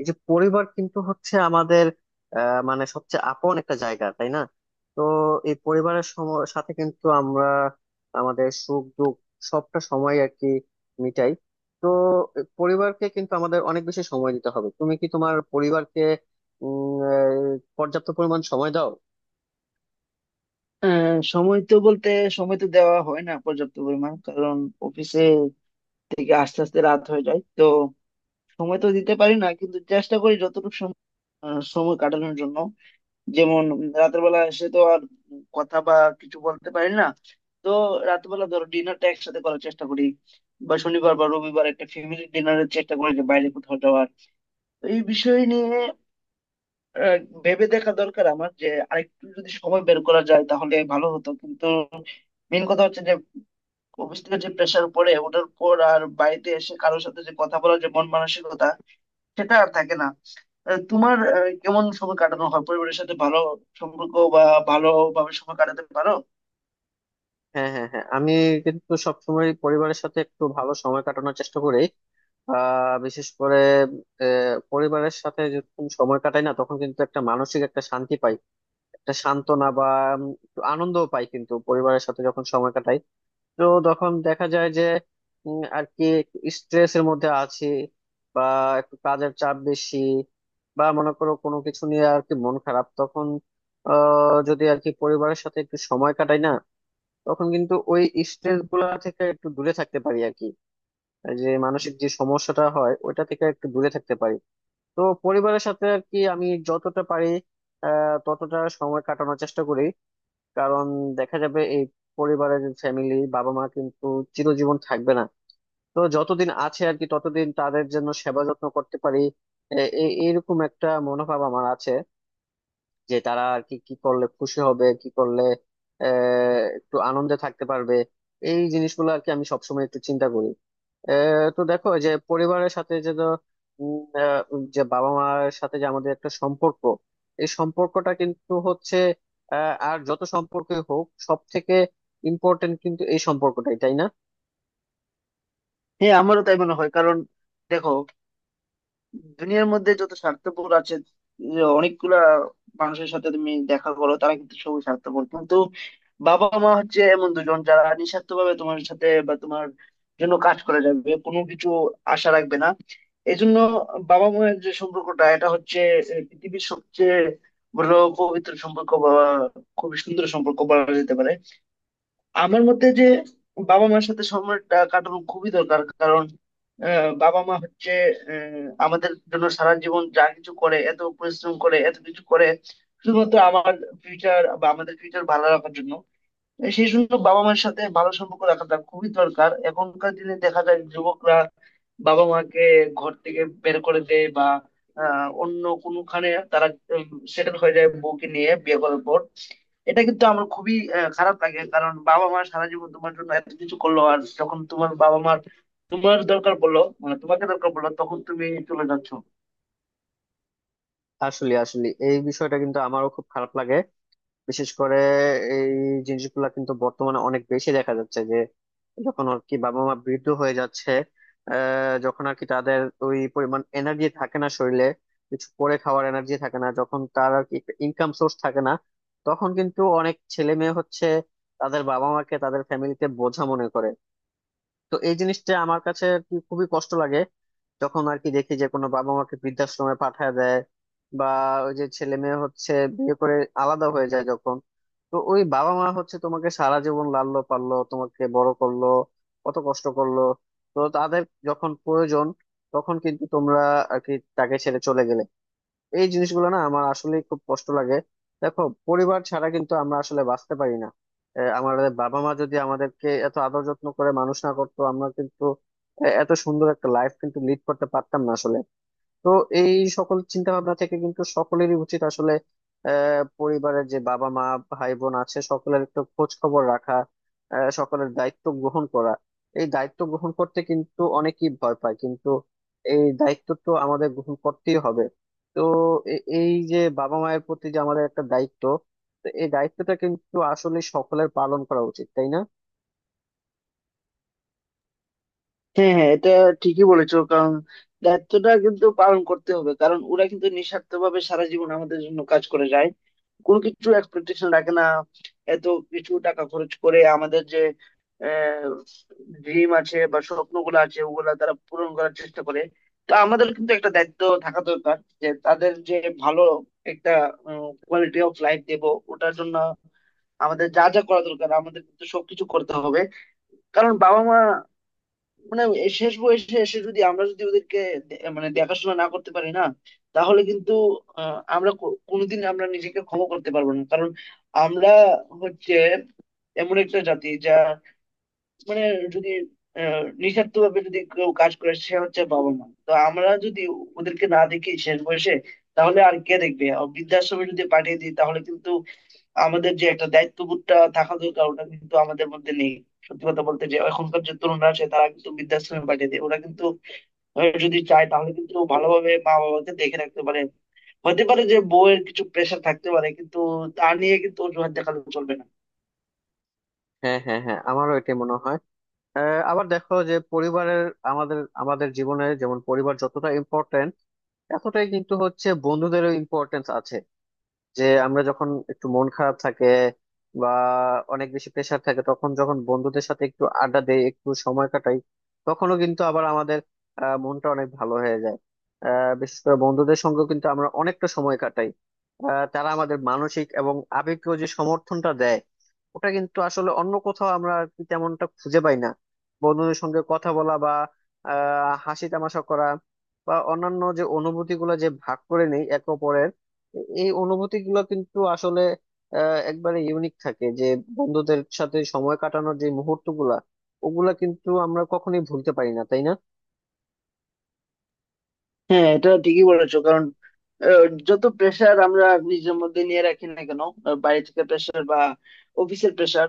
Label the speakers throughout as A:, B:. A: এই যে পরিবার কিন্তু হচ্ছে আমাদের মানে সবচেয়ে আপন একটা জায়গা, তাই না? তো এই পরিবারের সাথে কিন্তু আমরা আমাদের সুখ দুঃখ সবটা সময় আর কি মিটাই। তো পরিবারকে কিন্তু আমাদের অনেক বেশি সময় দিতে হবে। তুমি কি তোমার পরিবারকে পর্যাপ্ত পরিমাণ সময় দাও?
B: সময় তো বলতে সময় তো দেওয়া হয় না পর্যাপ্ত পরিমাণ কারণ অফিসে থেকে আস্তে আস্তে রাত হয়ে যায়। তো সময় তো দিতে পারি না, কিন্তু চেষ্টা করি যতটুকু সময় কাটানোর জন্য। যেমন রাতের বেলা এসে তো আর কথা বা কিছু বলতে পারি না। তো রাতের বেলা ধরো ডিনারটা একসাথে করার চেষ্টা করি, বা শনিবার বা রবিবার একটা ফ্যামিলি ডিনারের চেষ্টা করি যে বাইরে কোথাও যাওয়ার। তো এই বিষয় নিয়ে আহ, ভেবে দেখা দরকার আমার, যে আরেকটু যদি সময় বের করা যায় তাহলে ভালো হতো। কিন্তু মেন কথা হচ্ছে যে অফিস থেকে যে প্রেশার পড়ে, ওটার পর আর বাড়িতে এসে কারোর সাথে যে কথা বলার যে মন মানসিকতা, সেটা আর থাকে না। তোমার কেমন সময় কাটানো হয় পরিবারের সাথে? ভালো সম্পর্ক বা ভালোভাবে সময় কাটাতে পারো?
A: হ্যাঁ, হ্যাঁ, হ্যাঁ, আমি কিন্তু সবসময় পরিবারের সাথে একটু ভালো সময় কাটানোর চেষ্টা করি। আহ, বিশেষ করে পরিবারের সাথে যখন সময় কাটাই না তখন কিন্তু একটা মানসিক একটা শান্তি পাই, একটা সান্ত্বনা বা উম আনন্দও পাই কিন্তু পরিবারের সাথে যখন সময় কাটাই। তো তখন দেখা যায় যে আর কি স্ট্রেস এর মধ্যে আছি বা একটু কাজের চাপ বেশি বা মনে করো কোনো কিছু নিয়ে আর কি মন খারাপ, তখন যদি আর কি পরিবারের সাথে একটু সময় কাটাই না তখন কিন্তু ওই স্ট্রেস গুলা থেকে একটু দূরে থাকতে পারি আর কি। আর যে মানসিক যে সমস্যাটা হয় ওইটা থেকে একটু দূরে থাকতে পারি। তো পরিবারের সাথে আর কি আমি যতটা পারি আহ, ততটা সময় কাটানোর চেষ্টা করি। কারণ দেখা যাবে এই পরিবারের যে ফ্যামিলি, বাবা মা কিন্তু চিরজীবন থাকবে না। তো যতদিন আছে আর কি ততদিন তাদের জন্য সেবা যত্ন করতে পারি। এইরকম একটা মনোভাব আমার আছে যে তারা আর কি কি করলে খুশি হবে, কি করলে আহ, একটু আনন্দে থাকতে পারবে। এই জিনিসগুলো আর কি আমি সবসময় একটু চিন্তা করি। আহ, তো দেখো যে পরিবারের সাথে যে উম, আহ, যে বাবা মার সাথে যে আমাদের একটা সম্পর্ক, এই সম্পর্কটা কিন্তু হচ্ছে আহ, আর যত সম্পর্কই হোক সব থেকে ইম্পর্টেন্ট কিন্তু এই সম্পর্কটাই, তাই না?
B: হ্যাঁ, আমারও তাই মনে হয়। কারণ দেখো, দুনিয়ার মধ্যে যত স্বার্থপর আছে, যে অনেকগুলা মানুষের সাথে তুমি দেখা করো তারা কিন্তু সবই স্বার্থপর। কিন্তু বাবা মা হচ্ছে এমন দুজন, যারা নিঃস্বার্থ ভাবে তোমার সাথে বা তোমার জন্য কাজ করে যাবে, কোনো কিছু আশা রাখবে না। এই জন্য বাবা মায়ের যে সম্পর্কটা, এটা হচ্ছে এ, পৃথিবীর সবচেয়ে বড় পবিত্র সম্পর্ক, বা খুবই সুন্দর সম্পর্ক বলা যেতে পারে। আমার মতে যে বাবা মার সাথে সময়টা কাটানো খুবই দরকার। কারণ বাবা মা হচ্ছে আমাদের জন্য সারা জীবন যা কিছু করে, এত পরিশ্রম করে, এত কিছু করে শুধুমাত্র আমার ফিউচার বা আমাদের ফিউচার ভালো রাখার জন্য। সেই জন্য বাবা মায়ের সাথে ভালো সম্পর্ক রাখাটা খুবই দরকার। এখনকার দিনে দেখা যায় যুবকরা বাবা মাকে ঘর থেকে বের করে দেয়, বা অন্য কোনোখানে তারা সেটেল হয়ে যায় বউকে নিয়ে বিয়ে করার পর। এটা কিন্তু আমার খুবই খারাপ লাগে। কারণ বাবা মা সারা জীবন তোমার জন্য এত কিছু করলো, আর যখন তোমার বাবা মার তোমার দরকার পড়লো, মানে তোমাকে দরকার পড়লো, তখন তুমি চলে যাচ্ছ।
A: আসলে আসলে এই বিষয়টা কিন্তু আমারও খুব খারাপ লাগে। বিশেষ করে এই জিনিসগুলা কিন্তু বর্তমানে অনেক বেশি দেখা যাচ্ছে যে যখন আর কি বাবা মা বৃদ্ধ হয়ে যাচ্ছে, আহ, যখন আর কি তাদের ওই পরিমাণ এনার্জি থাকে না শরীরে, কিছু করে খাওয়ার এনার্জি থাকে না, যখন তার আর কি ইনকাম সোর্স থাকে না, তখন কিন্তু অনেক ছেলে মেয়ে হচ্ছে তাদের বাবা মাকে তাদের ফ্যামিলিতে বোঝা মনে করে। তো এই জিনিসটা আমার কাছে আর কি খুবই কষ্ট লাগে যখন আর কি দেখি যে কোনো বাবা মাকে বৃদ্ধাশ্রমে পাঠায় দেয় বা ওই যে ছেলে মেয়ে হচ্ছে বিয়ে করে আলাদা হয়ে যায় যখন। তো ওই বাবা মা হচ্ছে তোমাকে সারা জীবন লাললো পাললো, তোমাকে বড় করলো, কত কষ্ট করলো। তো তাদের যখন প্রয়োজন তখন কিন্তু তোমরা আর কি তাকে ছেড়ে চলে গেলে। এই জিনিসগুলো না আমার আসলে খুব কষ্ট লাগে। দেখো, পরিবার ছাড়া কিন্তু আমরা আসলে বাঁচতে পারি না। আহ, আমাদের বাবা মা যদি আমাদেরকে এত আদর যত্ন করে মানুষ না করতো, আমরা কিন্তু আহ, এত সুন্দর একটা লাইফ কিন্তু লিড করতে পারতাম না আসলে। তো এই সকল চিন্তা ভাবনা থেকে কিন্তু সকলেরই উচিত আসলে আহ, পরিবারের যে বাবা মা, ভাই বোন আছে সকলের একটু খোঁজ খবর রাখা, আহ, সকলের দায়িত্ব গ্রহণ করা। এই দায়িত্ব গ্রহণ করতে কিন্তু অনেকেই ভয় পায় কিন্তু এই দায়িত্ব তো আমাদের গ্রহণ করতেই হবে। তো এই যে বাবা মায়ের প্রতি যে আমাদের একটা দায়িত্ব, তো এই দায়িত্বটা কিন্তু আসলে সকলের পালন করা উচিত, তাই না?
B: হ্যাঁ হ্যাঁ, এটা ঠিকই বলেছো। কারণ দায়িত্বটা কিন্তু পালন করতে হবে, কারণ ওরা কিন্তু নিঃস্বার্থভাবে সারা জীবন আমাদের জন্য কাজ করে যায়, কোনো কিছু এক্সপেকটেশন রাখে না। এত কিছু টাকা খরচ করে আমাদের যে ড্রিম আছে বা স্বপ্নগুলো আছে ওগুলা তারা পূরণ করার চেষ্টা করে। তো আমাদের কিন্তু একটা দায়িত্ব থাকা দরকার, যে তাদের যে ভালো একটা কোয়ালিটি অফ লাইফ দেব। ওটার জন্য আমাদের যা যা করা দরকার আমাদের কিন্তু সবকিছু করতে হবে। কারণ বাবা মা মানে শেষ বয়সে এসে যদি আমরা যদি ওদেরকে মানে দেখাশোনা না করতে পারি না, তাহলে কিন্তু আমরা কোনোদিন আমরা নিজেকে ক্ষমা করতে পারবো না। কারণ আমরা হচ্ছে এমন একটা জাতি, যা মানে যদি নিঃস্বার্থ ভাবে যদি কেউ কাজ করে সে হচ্ছে বাবা মা। তো আমরা যদি ওদেরকে না দেখি শেষ বয়সে, তাহলে আর কে দেখবে? আর বৃদ্ধাশ্রমে যদি পাঠিয়ে দিই, তাহলে কিন্তু আমাদের যে একটা দায়িত্ববোধটা থাকা দরকার, ওটা কিন্তু আমাদের মধ্যে নেই। সত্যি কথা বলতে, যে এখনকার যে তরুণরা আছে তারা কিন্তু বৃদ্ধাশ্রমে পাঠিয়ে দেয়। ওরা কিন্তু যদি চায় তাহলে কিন্তু ভালোভাবে মা বাবাকে দেখে রাখতে পারে। হতে পারে যে বউয়ের কিছু প্রেশার থাকতে পারে, কিন্তু তা নিয়ে কিন্তু অজুহাত দেখালে চলবে না।
A: হ্যাঁ, হ্যাঁ, হ্যাঁ, আমারও এটাই মনে হয়। আহ, আবার দেখো যে পরিবারের আমাদের আমাদের জীবনে যেমন পরিবার যতটা ইম্পর্টেন্ট, এতটাই কিন্তু হচ্ছে বন্ধুদেরও ইম্পর্টেন্স আছে। যে আমরা যখন একটু মন খারাপ থাকে বা অনেক বেশি প্রেশার থাকে তখন যখন বন্ধুদের সাথে একটু আড্ডা দেই, একটু সময় কাটাই, তখনও কিন্তু আবার আমাদের আহ, মনটা অনেক ভালো হয়ে যায়। আহ, বিশেষ করে বন্ধুদের সঙ্গেও কিন্তু আমরা অনেকটা সময় কাটাই। আহ, তারা আমাদের মানসিক এবং আবেগীয় যে সমর্থনটা দেয় ওটা কিন্তু আসলে অন্য কোথাও আমরা আর কি তেমনটা খুঁজে পাই না। বন্ধুদের সঙ্গে কথা বলা বা আহ, হাসি তামাশা করা বা অন্যান্য যে অনুভূতিগুলো যে ভাগ করে নেই একে অপরের, এই অনুভূতি গুলো কিন্তু আসলে আহ, একবারে ইউনিক থাকে। যে বন্ধুদের সাথে সময় কাটানোর যে মুহূর্ত গুলা, ওগুলা কিন্তু আমরা কখনোই ভুলতে পারি না, তাই না?
B: হ্যাঁ, এটা ঠিকই বলেছো। কারণ যত প্রেশার আমরা নিজের মধ্যে নিয়ে রাখি না কেন, বাইরে থেকে প্রেশার বা অফিসের প্রেশার,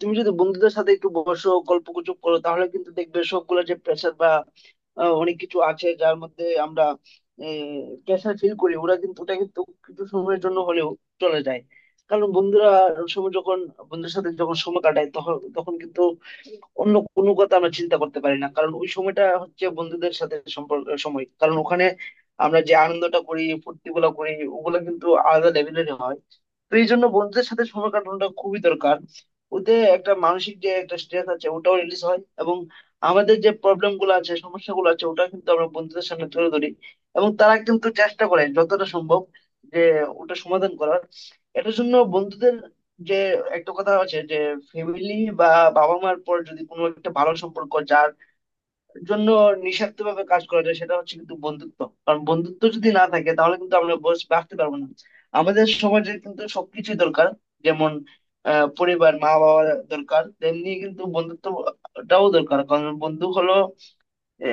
B: তুমি যদি বন্ধুদের সাথে একটু বসো গল্প গুজব করো, তাহলে কিন্তু দেখবে সবগুলো যে প্রেশার বা অনেক কিছু আছে যার মধ্যে আমরা প্রেশার ফিল করি, ওরা কিন্তু ওটা কিন্তু কিছু সময়ের জন্য হলেও চলে যায়। কারণ বন্ধুরা সব যখন বন্ধুদের সাথে যখন সময় কাটায়, তখন তখন কিন্তু অন্য কোনো কথা আমরা চিন্তা করতে পারি না। কারণ ওই সময়টা হচ্ছে বন্ধুদের সাথে সম্পর্ক সময়, কারণ ওখানে আমরা যে আনন্দটা করি, ফুর্তি গুলো করি ওগুলো কিন্তু আলাদা লেভেলের হয়। তো এই জন্য বন্ধুদের সাথে সময় কাটানোটা খুবই দরকার। ওতে একটা মানসিক যে একটা স্ট্রেস আছে ওটাও রিলিজ হয়, এবং আমাদের যে প্রবলেম গুলো আছে, সমস্যা গুলো আছে ওটা কিন্তু আমরা বন্ধুদের সামনে তুলে ধরি। এবং তারা কিন্তু চেষ্টা করে যতটা সম্ভব যে ওটা সমাধান করার। এটার জন্য বন্ধুদের যে একটা কথা আছে, যে ফ্যামিলি বা বাবা মার পর যদি কোনো একটা ভালো সম্পর্ক যার জন্য নিঃস্বার্থ ভাবে কাজ করা যায়, সেটা হচ্ছে কিন্তু বন্ধুত্ব। কারণ বন্ধুত্ব যদি না থাকে তাহলে কিন্তু আমরা বস বাঁচতে পারবো না। আমাদের সমাজে কিন্তু সবকিছুই দরকার। যেমন পরিবার মা বাবা দরকার, তেমনি কিন্তু বন্ধুত্বটাও দরকার। কারণ বন্ধু হলো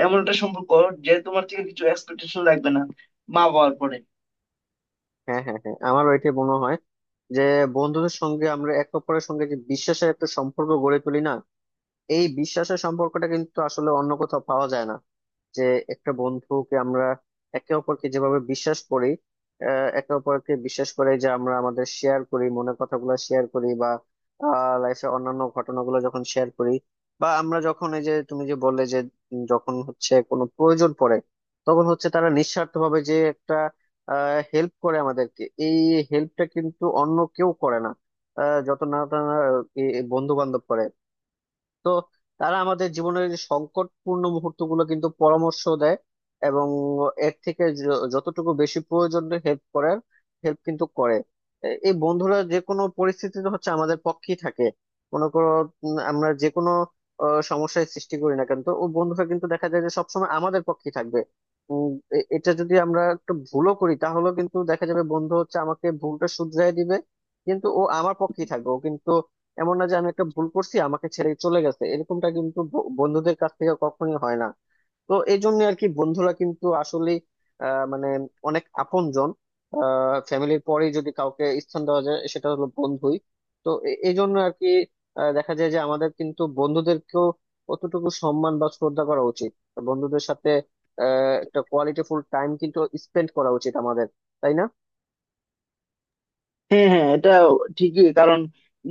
B: এমন একটা সম্পর্ক, যে তোমার থেকে কিছু এক্সপেকটেশন রাখবে না, মা বাবার পরে।
A: হ্যাঁ, হ্যাঁ, হ্যাঁ, আমার ওইটাই মনে হয়। যে বন্ধুদের সঙ্গে আমরা একে অপরের সঙ্গে যে বিশ্বাসের একটা সম্পর্ক গড়ে তুলি না, এই বিশ্বাসের সম্পর্কটা কিন্তু আসলে অন্য কোথাও পাওয়া যায় না। যে একটা বন্ধুকে আমরা একে অপরকে যেভাবে বিশ্বাস করি, আহ, একে অপরকে বিশ্বাস করে যে আমরা আমাদের শেয়ার করি, মনের কথাগুলো শেয়ার করি বা লাইফে অন্যান্য ঘটনাগুলো যখন শেয়ার করি, বা আমরা যখন এই যে তুমি যে বললে যে যখন হচ্ছে কোনো প্রয়োজন পড়ে তখন হচ্ছে তারা নিঃস্বার্থভাবে যে একটা হেল্প করে আমাদেরকে। এই হেল্পটা কিন্তু অন্য কেউ করে না আহ, যত না তারা বন্ধু বান্ধব করে। তো তারা আমাদের জীবনের যে সংকটপূর্ণ মুহূর্তগুলো কিন্তু পরামর্শ দেয় এবং এর থেকে যতটুকু বেশি প্রয়োজন হেল্প করার, হেল্প কিন্তু করে। এই বন্ধুরা যে কোনো পরিস্থিতিতে হচ্ছে আমাদের পক্ষেই থাকে। মনে করো আমরা যে কোনো আহ, সমস্যায় সৃষ্টি করি না কেন, তো ও বন্ধুরা কিন্তু দেখা যায় যে সবসময় আমাদের পক্ষেই থাকবে। উম, এটা যদি আমরা একটু ভুলও করি তাহলেও কিন্তু দেখা যাবে বন্ধু হচ্ছে আমাকে ভুলটা শুধরাই দিবে কিন্তু ও আমার পক্ষেই থাকবে। ও কিন্তু এমন না যে আমি একটা ভুল করছি আমাকে ছেড়ে চলে গেছে, এরকমটা কিন্তু বন্ধুদের কাছ থেকে কখনোই হয় না। তো এই জন্য আর কি বন্ধুরা কিন্তু আসলে আহ, মানে অনেক আপনজন। ফ্যামিলির পরেই যদি কাউকে স্থান দেওয়া যায় সেটা হলো বন্ধুই। তো এই জন্য আর কি আহ, দেখা যায় যে আমাদের কিন্তু বন্ধুদেরকেও কতটুকু সম্মান বা শ্রদ্ধা করা উচিত। বন্ধুদের সাথে আহ, একটা কোয়ালিটিফুল টাইম কিন্তু স্পেন্ড করা উচিত আমাদের, তাই না?
B: হ্যাঁ হ্যাঁ, এটা ঠিকই। কারণ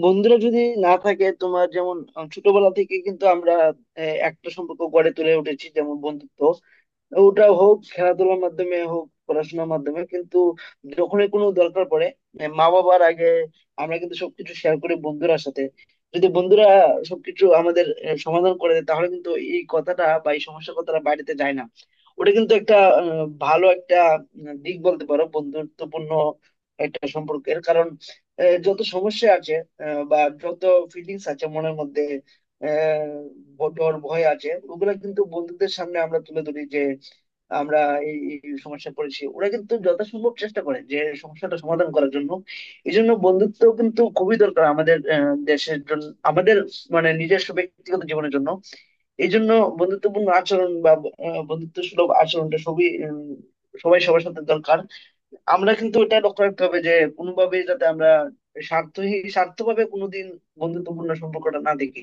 B: বন্ধুরা যদি না থাকে তোমার, যেমন ছোটবেলা থেকে কিন্তু আমরা একটা সম্পর্ক গড়ে তুলে উঠেছি, যেমন বন্ধুত্ব, ওটা হোক খেলাধুলার মাধ্যমে, হোক পড়াশোনার মাধ্যমে, কিন্তু যখনই কোনো দরকার পড়ে, মানে মা বাবার আগে আমরা কিন্তু সবকিছু শেয়ার করি বন্ধুরার সাথে। যদি বন্ধুরা সবকিছু আমাদের সমাধান করে দেয়, তাহলে কিন্তু এই কথাটা বা এই সমস্যার কথাটা বাড়িতে যায় না। ওটা কিন্তু একটা ভালো একটা দিক বলতে পারো বন্ধুত্বপূর্ণ একটা সম্পর্কের। কারণ যত সমস্যা আছে, বা যত ফিলিংস আছে মনের মধ্যে, আহ, ডর ভয় আছে, ওগুলা কিন্তু বন্ধুদের সামনে আমরা তুলে ধরি। আমরা এই এই সমস্যায় পড়েছি, ওরা কিন্তু যথাসম্ভব চেষ্টা করে যে সমস্যাটা সমাধান করার জন্য। এই জন্য বন্ধুত্ব কিন্তু খুবই দরকার আমাদের দেশের জন্য, আমাদের মানে নিজস্ব ব্যক্তিগত জীবনের জন্য। এই জন্য বন্ধুত্বপূর্ণ আচরণ বা বন্ধুত্ব সুলভ আচরণটা সবই সবাই সবার সাথে দরকার। আমরা কিন্তু এটা লক্ষ্য রাখতে হবে যে কোনোভাবেই যাতে আমরা স্বার্থহীন স্বার্থভাবে কোনোদিন বন্ধুত্বপূর্ণ সম্পর্কটা না দেখি।